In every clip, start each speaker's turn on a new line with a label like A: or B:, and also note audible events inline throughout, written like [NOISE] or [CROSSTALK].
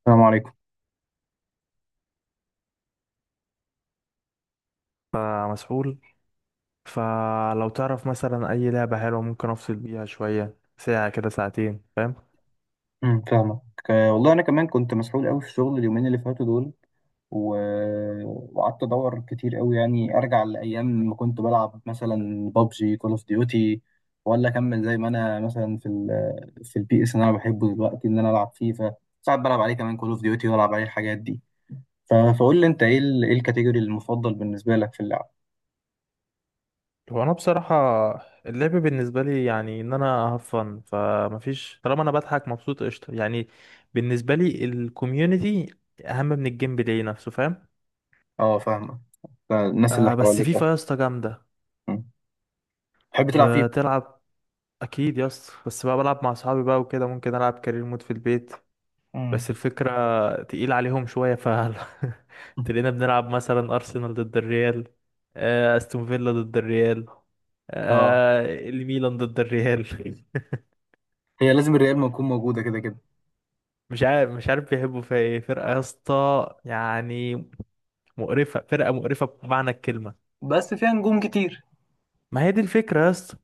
A: السلام عليكم.
B: فمسحول. فلو تعرف مثلا اي لعبة حلوة ممكن افصل بيها شوية، ساعة كده ساعتين، فاهم؟
A: فاهمك. والله انا كمان كنت مسحول قوي في الشغل اليومين اللي فاتوا دول. و... وقعدت ادور كتير قوي، يعني ارجع لايام ما كنت بلعب مثلا بابجي، كول اوف ديوتي، ولا اكمل زي ما انا مثلا في البي اس اللي انا بحبه دلوقتي، ان انا العب فيفا. ساعات بلعب عليه كمان كول اوف ديوتي والعب عليه الحاجات دي. ف... فقول لي انت ايه ايه الكاتيجوري المفضل بالنسبه لك في اللعب؟
B: هو انا بصراحة اللعب بالنسبة لي يعني ان انا هفن، فمفيش، طالما انا بضحك مبسوط قشطة يعني. بالنسبة لي الكوميونتي اهم من الجيم بلاي نفسه، فاهم؟
A: اه، فاهمك، الناس اللي
B: آه، بس
A: حواليك،
B: فيفا
A: اه.
B: يا اسطى جامدة.
A: أمم. تحب تلعب فيفا؟
B: بتلعب؟ اكيد يا اسطى، بس بقى بلعب مع اصحابي بقى وكده، ممكن العب كارير مود في البيت.
A: أمم.
B: بس الفكرة تقيل عليهم شوية. [LAUGHS] تلاقينا بنلعب مثلا أرسنال ضد الريال، آه، أستون فيلا ضد الريال،
A: اه،
B: آه، الميلان ضد الريال. [LAUGHS]
A: هي لازم الريال ما يكون موجوده كده كده.
B: مش عارف بيحبوا فيها ايه فرقة يا اسطى يعني. مقرفة، فرقة مقرفة بمعنى الكلمة.
A: بس فيها نجوم كتير.
B: ما هي دي الفكرة يا اسطى.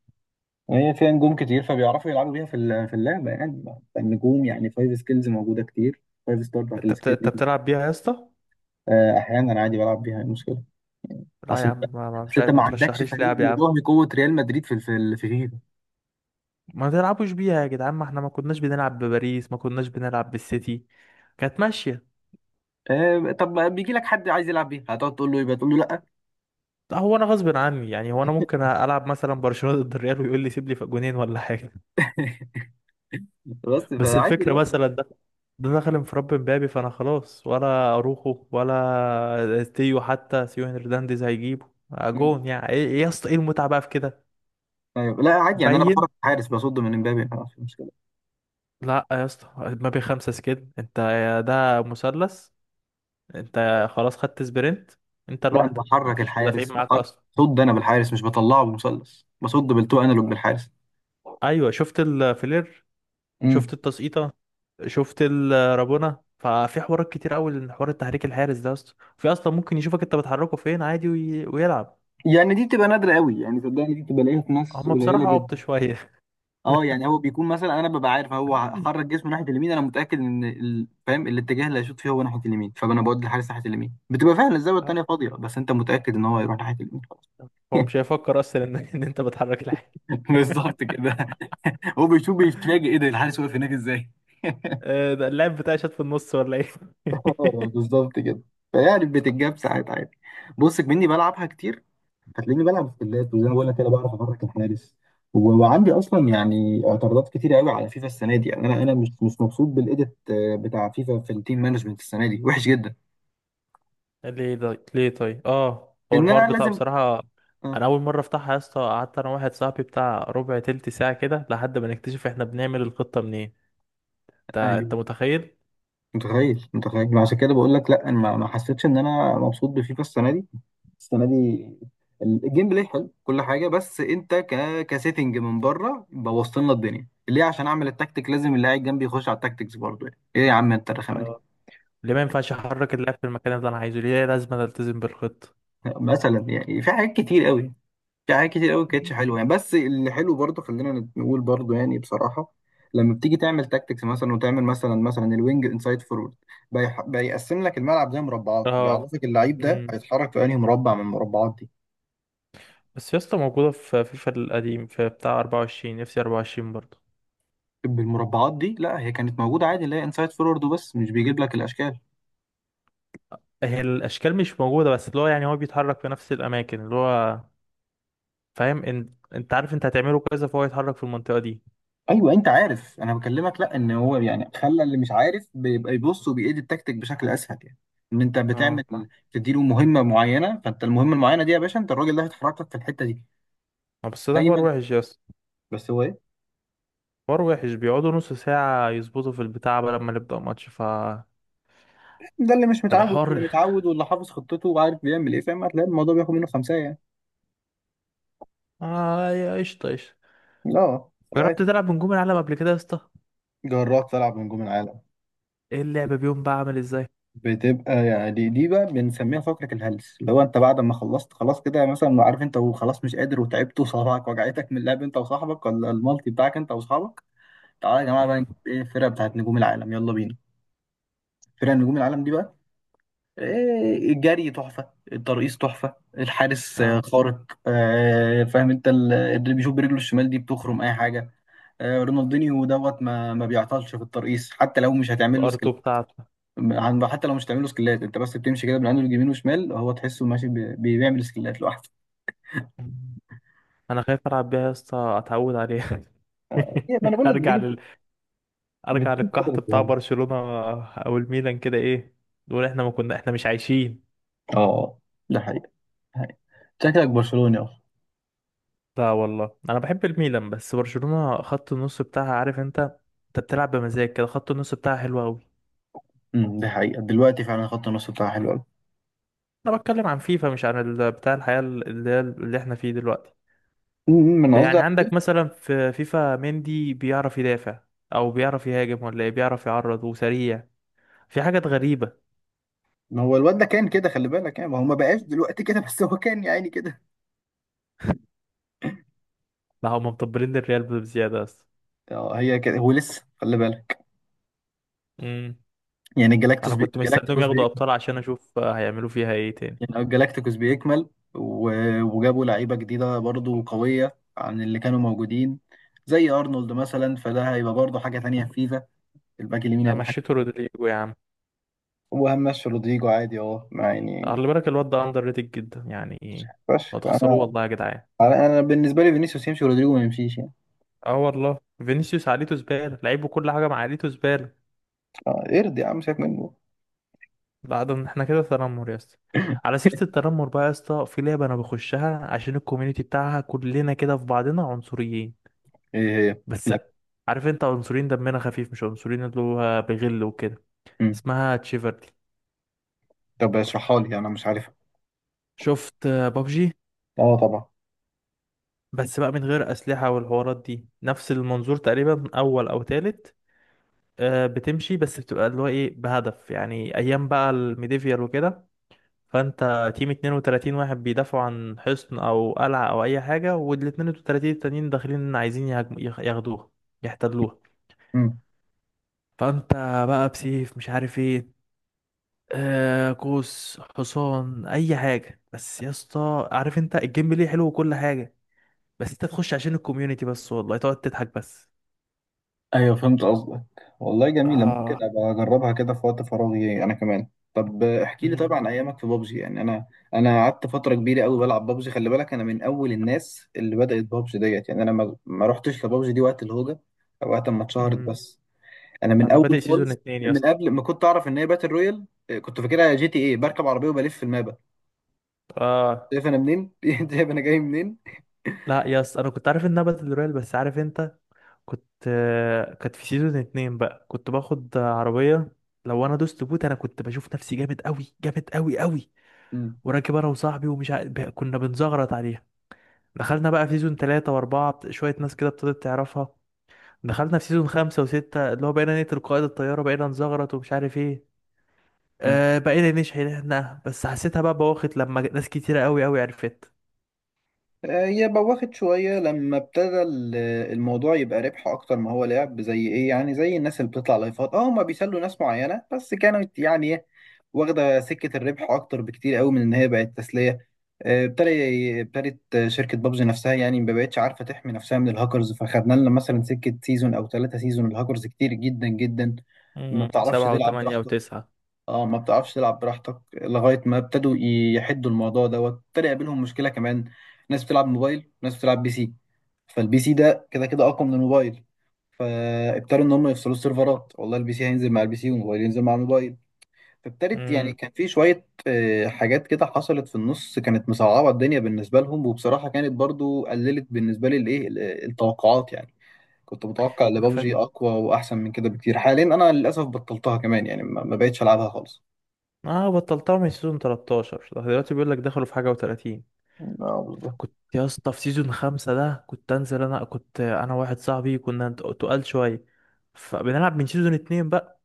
A: هي فيها نجوم كتير فبيعرفوا يلعبوا بيها في اللعبه يعني. النجوم يعني فايف سكيلز موجوده كتير، فايف ستار بتاعت السكيل
B: انت
A: دي.
B: بتلعب بيها يا اسطى؟
A: احيانا عادي بلعب بيها، إيه المشكله؟ يعني
B: لا يا
A: اصل انت،
B: عم، ما... ما مش
A: اصل انت
B: عارف،
A: ما
B: ما
A: عندكش
B: ترشحليش
A: فريق
B: لعب يا عم.
A: يضاهي قوه ريال مدريد في فيفا.
B: ما تلعبوش بيها يا جدعان، ما احنا ما كناش بنلعب بباريس، ما كناش بنلعب بالسيتي، كانت ماشية.
A: طب بيجي لك حد عايز يلعب بيها هتقعد تقول له، يبقى تقول له لا؟
B: هو انا غصب عني يعني؟ هو انا ممكن العب مثلا برشلونه ضد الريال ويقول لي سيب لي في جونين ولا حاجه؟
A: [LAUGHS] بس
B: بس
A: فعادي
B: الفكره
A: بقى.
B: مثلا ده، ده دخل انفراد مبابي، فانا خلاص، ولا اروخو ولا تيو حتى سيو هرنانديز هيجيبه، آه،
A: مم.
B: جون يعني، ايه إيه يا اسطى ايه المتعه بقى في كده؟
A: ايوه لا عادي، يعني انا
B: باين.
A: بحرك الحارس بصد من امبابي، ما في مشكله.
B: لا يا اسطى، مبابي خمسه كده، انت يا ده مثلث، انت خلاص خدت سبرنت، انت
A: لا انا
B: لوحدك، ما
A: بحرك
B: فيش مدافعين
A: الحارس،
B: معاك
A: بحرك
B: اصلا.
A: صد انا بالحارس، مش بطلعه بالمثلث، بصد بالتو انالوج بالحارس.
B: ايوه، شفت الفلير، شفت التسقيطه، شفت الرابونة، ففي حوارات كتير قوي، حوار التحريك الحارس ده اصلا في اصلا ممكن يشوفك انت بتحركه فين عادي ويلعب.
A: يعني دي بتبقى نادرة قوي، يعني صدقني دي بتبقى لاقيها في ناس
B: هما
A: قليلة
B: بصراحة عبط
A: جدا.
B: شوية.
A: اه يعني هو بيكون مثلا انا ببقى عارف هو
B: [LAUGHS]
A: حرك جسمه ناحية اليمين، انا متأكد ان فاهم الاتجاه اللي هيشوط فيه هو ناحية اليمين، فانا بودي الحارس ناحية اليمين، بتبقى فعلا الزاوية التانية فاضية، بس انت متأكد ان هو هيروح ناحية اليمين، خلاص.
B: هو
A: [LAUGHS]
B: مش هيفكر اصلا إن انت بتحرك الحارس.
A: بالظبط كده. هو بيشوف بيتفاجئ، ايه ده الحارس واقف هناك ازاي؟ [LAUGHS]
B: آه، ده اللاعب بتاعي شات في النص ولا ايه؟
A: اه بالظبط كده. فيعني بتتجاب ساعات عادي. بص مني بلعبها كتير، هتلاقيني بلعب سكيلات وزي ما بقول لك كده بعرف افرك الحارس. وعندي اصلا يعني اعتراضات كتير قوي على فيفا السنه دي، يعني انا انا مش مبسوط بالايديت، بتاع فيفا في التيم مانجمنت السنه دي وحش جدا.
B: [LAUGHS] ليه طيب، ليه طيب؟ اه، هو
A: ان
B: الحوار
A: انا
B: بتاعه
A: لازم،
B: بصراحة، انا
A: اه.
B: اول مرة افتحها يا اسطى، قعدت انا واحد صاحبي بتاع ربع تلت ساعة كده لحد ما نكتشف احنا بنعمل الخطة منين. انت انت
A: ايوه
B: متخيل؟
A: متخيل، متخيل، عشان كده بقول لك لا، انا ما حسيتش ان انا مبسوط بفيفا السنه دي. السنه دي الجيم بلاي حلو كل حاجه، بس انت ك كسيتنج من بره بوظت لنا الدنيا، ليه عشان اعمل التكتيك لازم اللي قاعد جنبي يخش على التكتيكس برضه يعني. ايه يا عم انت الرخامه دي.
B: ليه ما ينفعش احرك اللاعب في المكان اللي انا عايزه؟ ليه لازم أنا التزم بالخطة؟
A: مثلا يعني في حاجات كتير قوي، في حاجات كتير قوي
B: مم.
A: كانتش حلوه يعني، بس اللي حلو برضه خلينا نقول برضه يعني بصراحه. لما بتيجي تعمل تاكتكس مثلا، وتعمل مثلا الوينج انسايد فورورد، بيقسم لك الملعب ده مربعات،
B: اه.
A: بيعرفك اللعيب ده
B: امم.
A: هيتحرك في انهي مربع من المربعات دي.
B: بس يا اسطى، موجودة في فيفا القديم، في بتاع 24، نفسي 24 برضه.
A: طب المربعات دي لا، هي كانت موجوده عادي اللي هي انسايد فورورد وبس، مش بيجيب لك الاشكال.
B: هي الاشكال مش موجودة، بس اللي هو يعني هو بيتحرك في نفس الاماكن اللي هو، فاهم ان، انت عارف انت هتعمله كذا فهو يتحرك في المنطقة دي.
A: ايوه انت عارف انا بكلمك، لا ان هو يعني خلى اللي مش عارف بيبقى يبص وبيأيد التكتيك بشكل اسهل يعني. ان انت بتعمل،
B: اه.
A: تديله مهمه معينه فانت المهمه المعينه دي يا باشا انت الراجل ده هيتحرك لك في الحته دي
B: آه، بس ده حوار
A: دايما.
B: وحش يا اسطى.
A: بس هو ايه،
B: حوار وحش، بيقعدوا نص ساعة يظبطوا في البتاع قبل ما نبدأ ماتش، فالحوار
A: ده اللي مش متعود، اللي متعود واللي حافظ خطته وعارف بيعمل ايه فاهم هتلاقي الموضوع بياخد منه خمسة يعني.
B: اه يا قشطة قشطة.
A: لا.
B: جربت تلعب بنجوم العالم قبل كده يا اسطى؟
A: جراك تلعب نجوم العالم؟
B: ايه اللعبة بيهم بقى عامل ازاي؟
A: بتبقى يعني دي بقى بنسميها فقرة الهلس، اللي هو انت بعد ما خلصت خلاص كده، يعني مثلا عارف انت وخلاص مش قادر وتعبت وصابعك وجعتك من اللعب انت وصاحبك ولا المالتي بتاعك انت واصحابك. تعالى يا جماعة بقى نجيب
B: امم.
A: ايه الفرقة بتاعت نجوم العالم، يلا بينا. فرقة نجوم العالم دي بقى، الجري تحفة، الترقيص تحفة، الحارس
B: اه.
A: خارق، فاهم انت اللي بيشوف برجله الشمال دي بتخرم اي حاجة. رونالدينيو دوت، ما بيعطلش في الترقيص حتى لو مش هتعمل له
B: الار2
A: سكيل.
B: بتاعته.
A: حتى لو مش هتعمل له سكيلات انت بس بتمشي كده بالعند اليمين وشمال هو تحسه ماشي بيعمل سكيلات لوحده.
B: مم. انا خايف العب بيها يا اسطى اتعود عليها.
A: ما انا
B: [LAUGHS]
A: بقول لك
B: ارجع
A: بتيجي،
B: لل... ارجع
A: بتيجي فترة
B: للقحط بتاع
A: ذهاب.
B: برشلونة، او الميلان كده ايه، نقول احنا ما كنا، احنا مش عايشين.
A: اه ده حقيقة، حقيقة. شكلك برشلوني اصلا.
B: لا والله انا بحب الميلان، بس برشلونة خط النص بتاعها، عارف انت، انت بتلعب بمزاج كده، خط النص بتاعها حلو قوي.
A: ده حقيقة دلوقتي فعلا خط النص بتاعها حلو قوي.
B: انا بتكلم عن فيفا، مش عن ال... بتاع الحياة اللي هي اللي احنا فيه دلوقتي.
A: أمم، أمم، انا
B: يعني
A: قصدي.
B: عندك مثلا في فيفا مندي بيعرف يدافع او بيعرف يهاجم ولا إيه؟ بيعرف يعرض وسريع. في حاجات غريبة.
A: ما هو الواد ده كان كده خلي بالك يعني، ما هو ما بقاش دلوقتي كده بس هو كان يعني كده.
B: لا، هم مطبلين للريال بزيادة بس.
A: اه هي كده هو لسه خلي بالك.
B: امم.
A: يعني الجلاكتوس
B: انا كنت مستنيهم
A: جلاكتيكوس
B: ياخدوا ابطال عشان اشوف هيعملوا فيها ايه تاني.
A: يعني الجلاكتيكوس بيكمل. و... وجابوا لعيبة جديدة برضو قوية عن اللي كانوا موجودين، زي أرنولد مثلا، فده هيبقى برضو حاجة تانية في فيفا. الباك اليمين
B: ده
A: هيبقى حاجة.
B: مشيتوا رودريجو يا عم؟
A: وهمشي رودريجو عادي اه ما يعني
B: خلي بالك الواد ده اندر ريتد جدا يعني، لو
A: فشخ.
B: تخسروه والله يا جدعان.
A: انا بالنسبة لي فينيسيوس يمشي ورودريجو ما يمشيش يعني.
B: اه والله. فينيسيوس عقليته زبالة، لعيبه كل حاجة مع عقليته زبالة.
A: اه ارضي يا عم سيبك منه.
B: بعد ان احنا كده تنمر يا اسطى.
A: [LAUGHS]
B: على سيرة التنمر بقى يا اسطى، في لعبة انا بخشها عشان الكوميونتي بتاعها، كلنا كده في بعضنا عنصريين.
A: ايه هي
B: بس
A: لا.
B: عارف انت، عنصريين دمنا خفيف، مش عنصريين اللي هو بغل وكده.
A: مم.
B: اسمها تشيفرلي.
A: طب اشرحها لي انا مش عارفها.
B: شفت بابجي؟
A: اه طبعا.
B: بس بقى من غير أسلحة والحوارات دي، نفس المنظور تقريبا، أول أو تالت. آه، بتمشي بس بتبقى اللي هو إيه، بهدف يعني أيام بقى الميديفيال وكده. فأنت تيم 32 واحد بيدافعوا عن حصن أو قلعة أو أي حاجة، وال 32 التانيين داخلين عايزين ياخدوها، يحتلوها.
A: مم.
B: فأنت بقى بسيف، مش عارف إيه، آه قوس، حصان، أي حاجة. بس يا اسطى، عارف أنت الجيم بلاي حلو وكل حاجة، بس انت تخش عشان الكوميونتي بس، والله تقعد تضحك بس.
A: ايوه فهمت قصدك. والله جميلة، ممكن
B: اه.
A: ابقى اجربها كده في وقت فراغي انا كمان. طب احكي لي
B: أمم.
A: طبعا عن ايامك في بابجي، يعني انا، انا قعدت فترة كبيرة قوي بلعب بابجي، خلي بالك انا من اول الناس اللي بدأت بابجي ديت، يعني انا ما رحتش لبابجي دي وقت الهوجة او وقت ما اتشهرت
B: أمم.
A: بس. انا من
B: انا
A: اول
B: بادئ سيزون
A: خالص
B: اتنين يا
A: من
B: اسطى.
A: قبل ما كنت اعرف ان هي باتل رويال، كنت فاكرها جي تي ايه بركب عربية وبلف في المابا.
B: اه.
A: شايف انا منين؟ [LAUGHS] شايف انا جاي منين؟
B: لا يا اسطى، انا كنت عارف انها باتل رويال، بس عارف انت، كنت آه، كانت في سيزون اتنين بقى كنت باخد آه، عربية. لو انا دوست بوت انا كنت بشوف نفسي جامد قوي، جامد قوي قوي. وراكب انا وصاحبي، كنا بنزغرط عليها. دخلنا بقى في سيزون تلاتة واربعة، شوية ناس كده ابتدت تعرفها. دخلنا في سيزون خمسة وستة، اللي هو بقينا نقتل قائد الطيارة، بقينا نزغرط ومش عارف ايه.
A: مم.
B: أه، بقينا نشحنها، بس حسيتها بقى بواخد لما ناس كتيرة قوي قوي عرفت.
A: هي بوخت شوية لما ابتدى الموضوع يبقى ربح أكتر ما هو لعب، زي إيه يعني، زي الناس اللي بتطلع لايفات أه، هما بيسلوا ناس معينة بس كانت يعني إيه، واخدة سكة الربح أكتر بكتير قوي من إن هي بقت تسلية. آه، ابتدى ابتدت شركة بابجي نفسها يعني ما بقتش عارفة تحمي نفسها من الهاكرز، فخدنا لنا مثلا سكة سيزون أو ثلاثة سيزون الهاكرز كتير جدا جدا. ما
B: امم،
A: بتعرفش
B: سبعة
A: تلعب
B: وثمانية
A: براحتك.
B: وتسعة.
A: اه ما بتعرفش تلعب براحتك لغاية ما ابتدوا يحدوا الموضوع دوت. ابتدى يقابلهم مشكلة كمان، ناس بتلعب موبايل وناس بتلعب بي سي، فالبي سي ده كده كده أقوى من الموبايل، فابتدوا إن هم يفصلوا السيرفرات، والله البي سي هينزل مع البي سي والموبايل ينزل مع الموبايل. فابتدت يعني
B: امم.
A: كان في شوية حاجات كده حصلت في النص كانت مصعبة الدنيا بالنسبة لهم، وبصراحة كانت برضو قللت بالنسبة لي الإيه التوقعات يعني. كنت متوقع ان
B: انا فاكر.
A: بابجي أقوى وأحسن من كده بكتير، حاليا أنا للأسف بطلتها كمان يعني ما بقتش ألعبها خالص.
B: اه، بطلتها من سيزون 13. ده دلوقتي بيقول لك دخلوا في حاجة و30.
A: اه بالظبط.
B: كنت يا اسطى في سيزون خمسة ده، كنت انزل، انا كنت انا واحد صاحبي كنا تقال شوية، فبنلعب من سيزون اتنين بقى.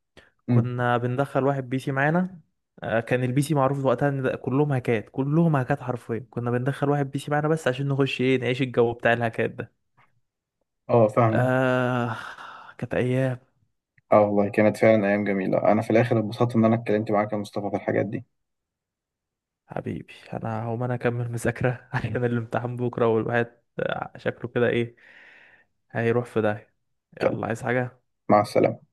A: مم.
B: كنا بندخل واحد بي سي معانا، آه، كان البي سي معروف وقتها ان ده كلهم هاكات، كلهم هاكات حرفيا، كنا بندخل واحد بي سي معانا بس عشان نخش ايه، نعيش الجو بتاع الهاكات.
A: اه فعلا.
B: آه، كانت أيام.
A: اه والله كانت فعلا ايام جميله، انا في الاخر اتبسطت ان انا اتكلمت معاك يا مصطفى في الحاجات دي.
B: حبيبي، أنا هقوم أنا أكمل مذاكرة [LAUGHS] عشان الامتحان بكرة، والواحد آه، شكله كده إيه، هيروح في داهية.
A: يلا،
B: يلا، عايز حاجة؟
A: مع السلامه.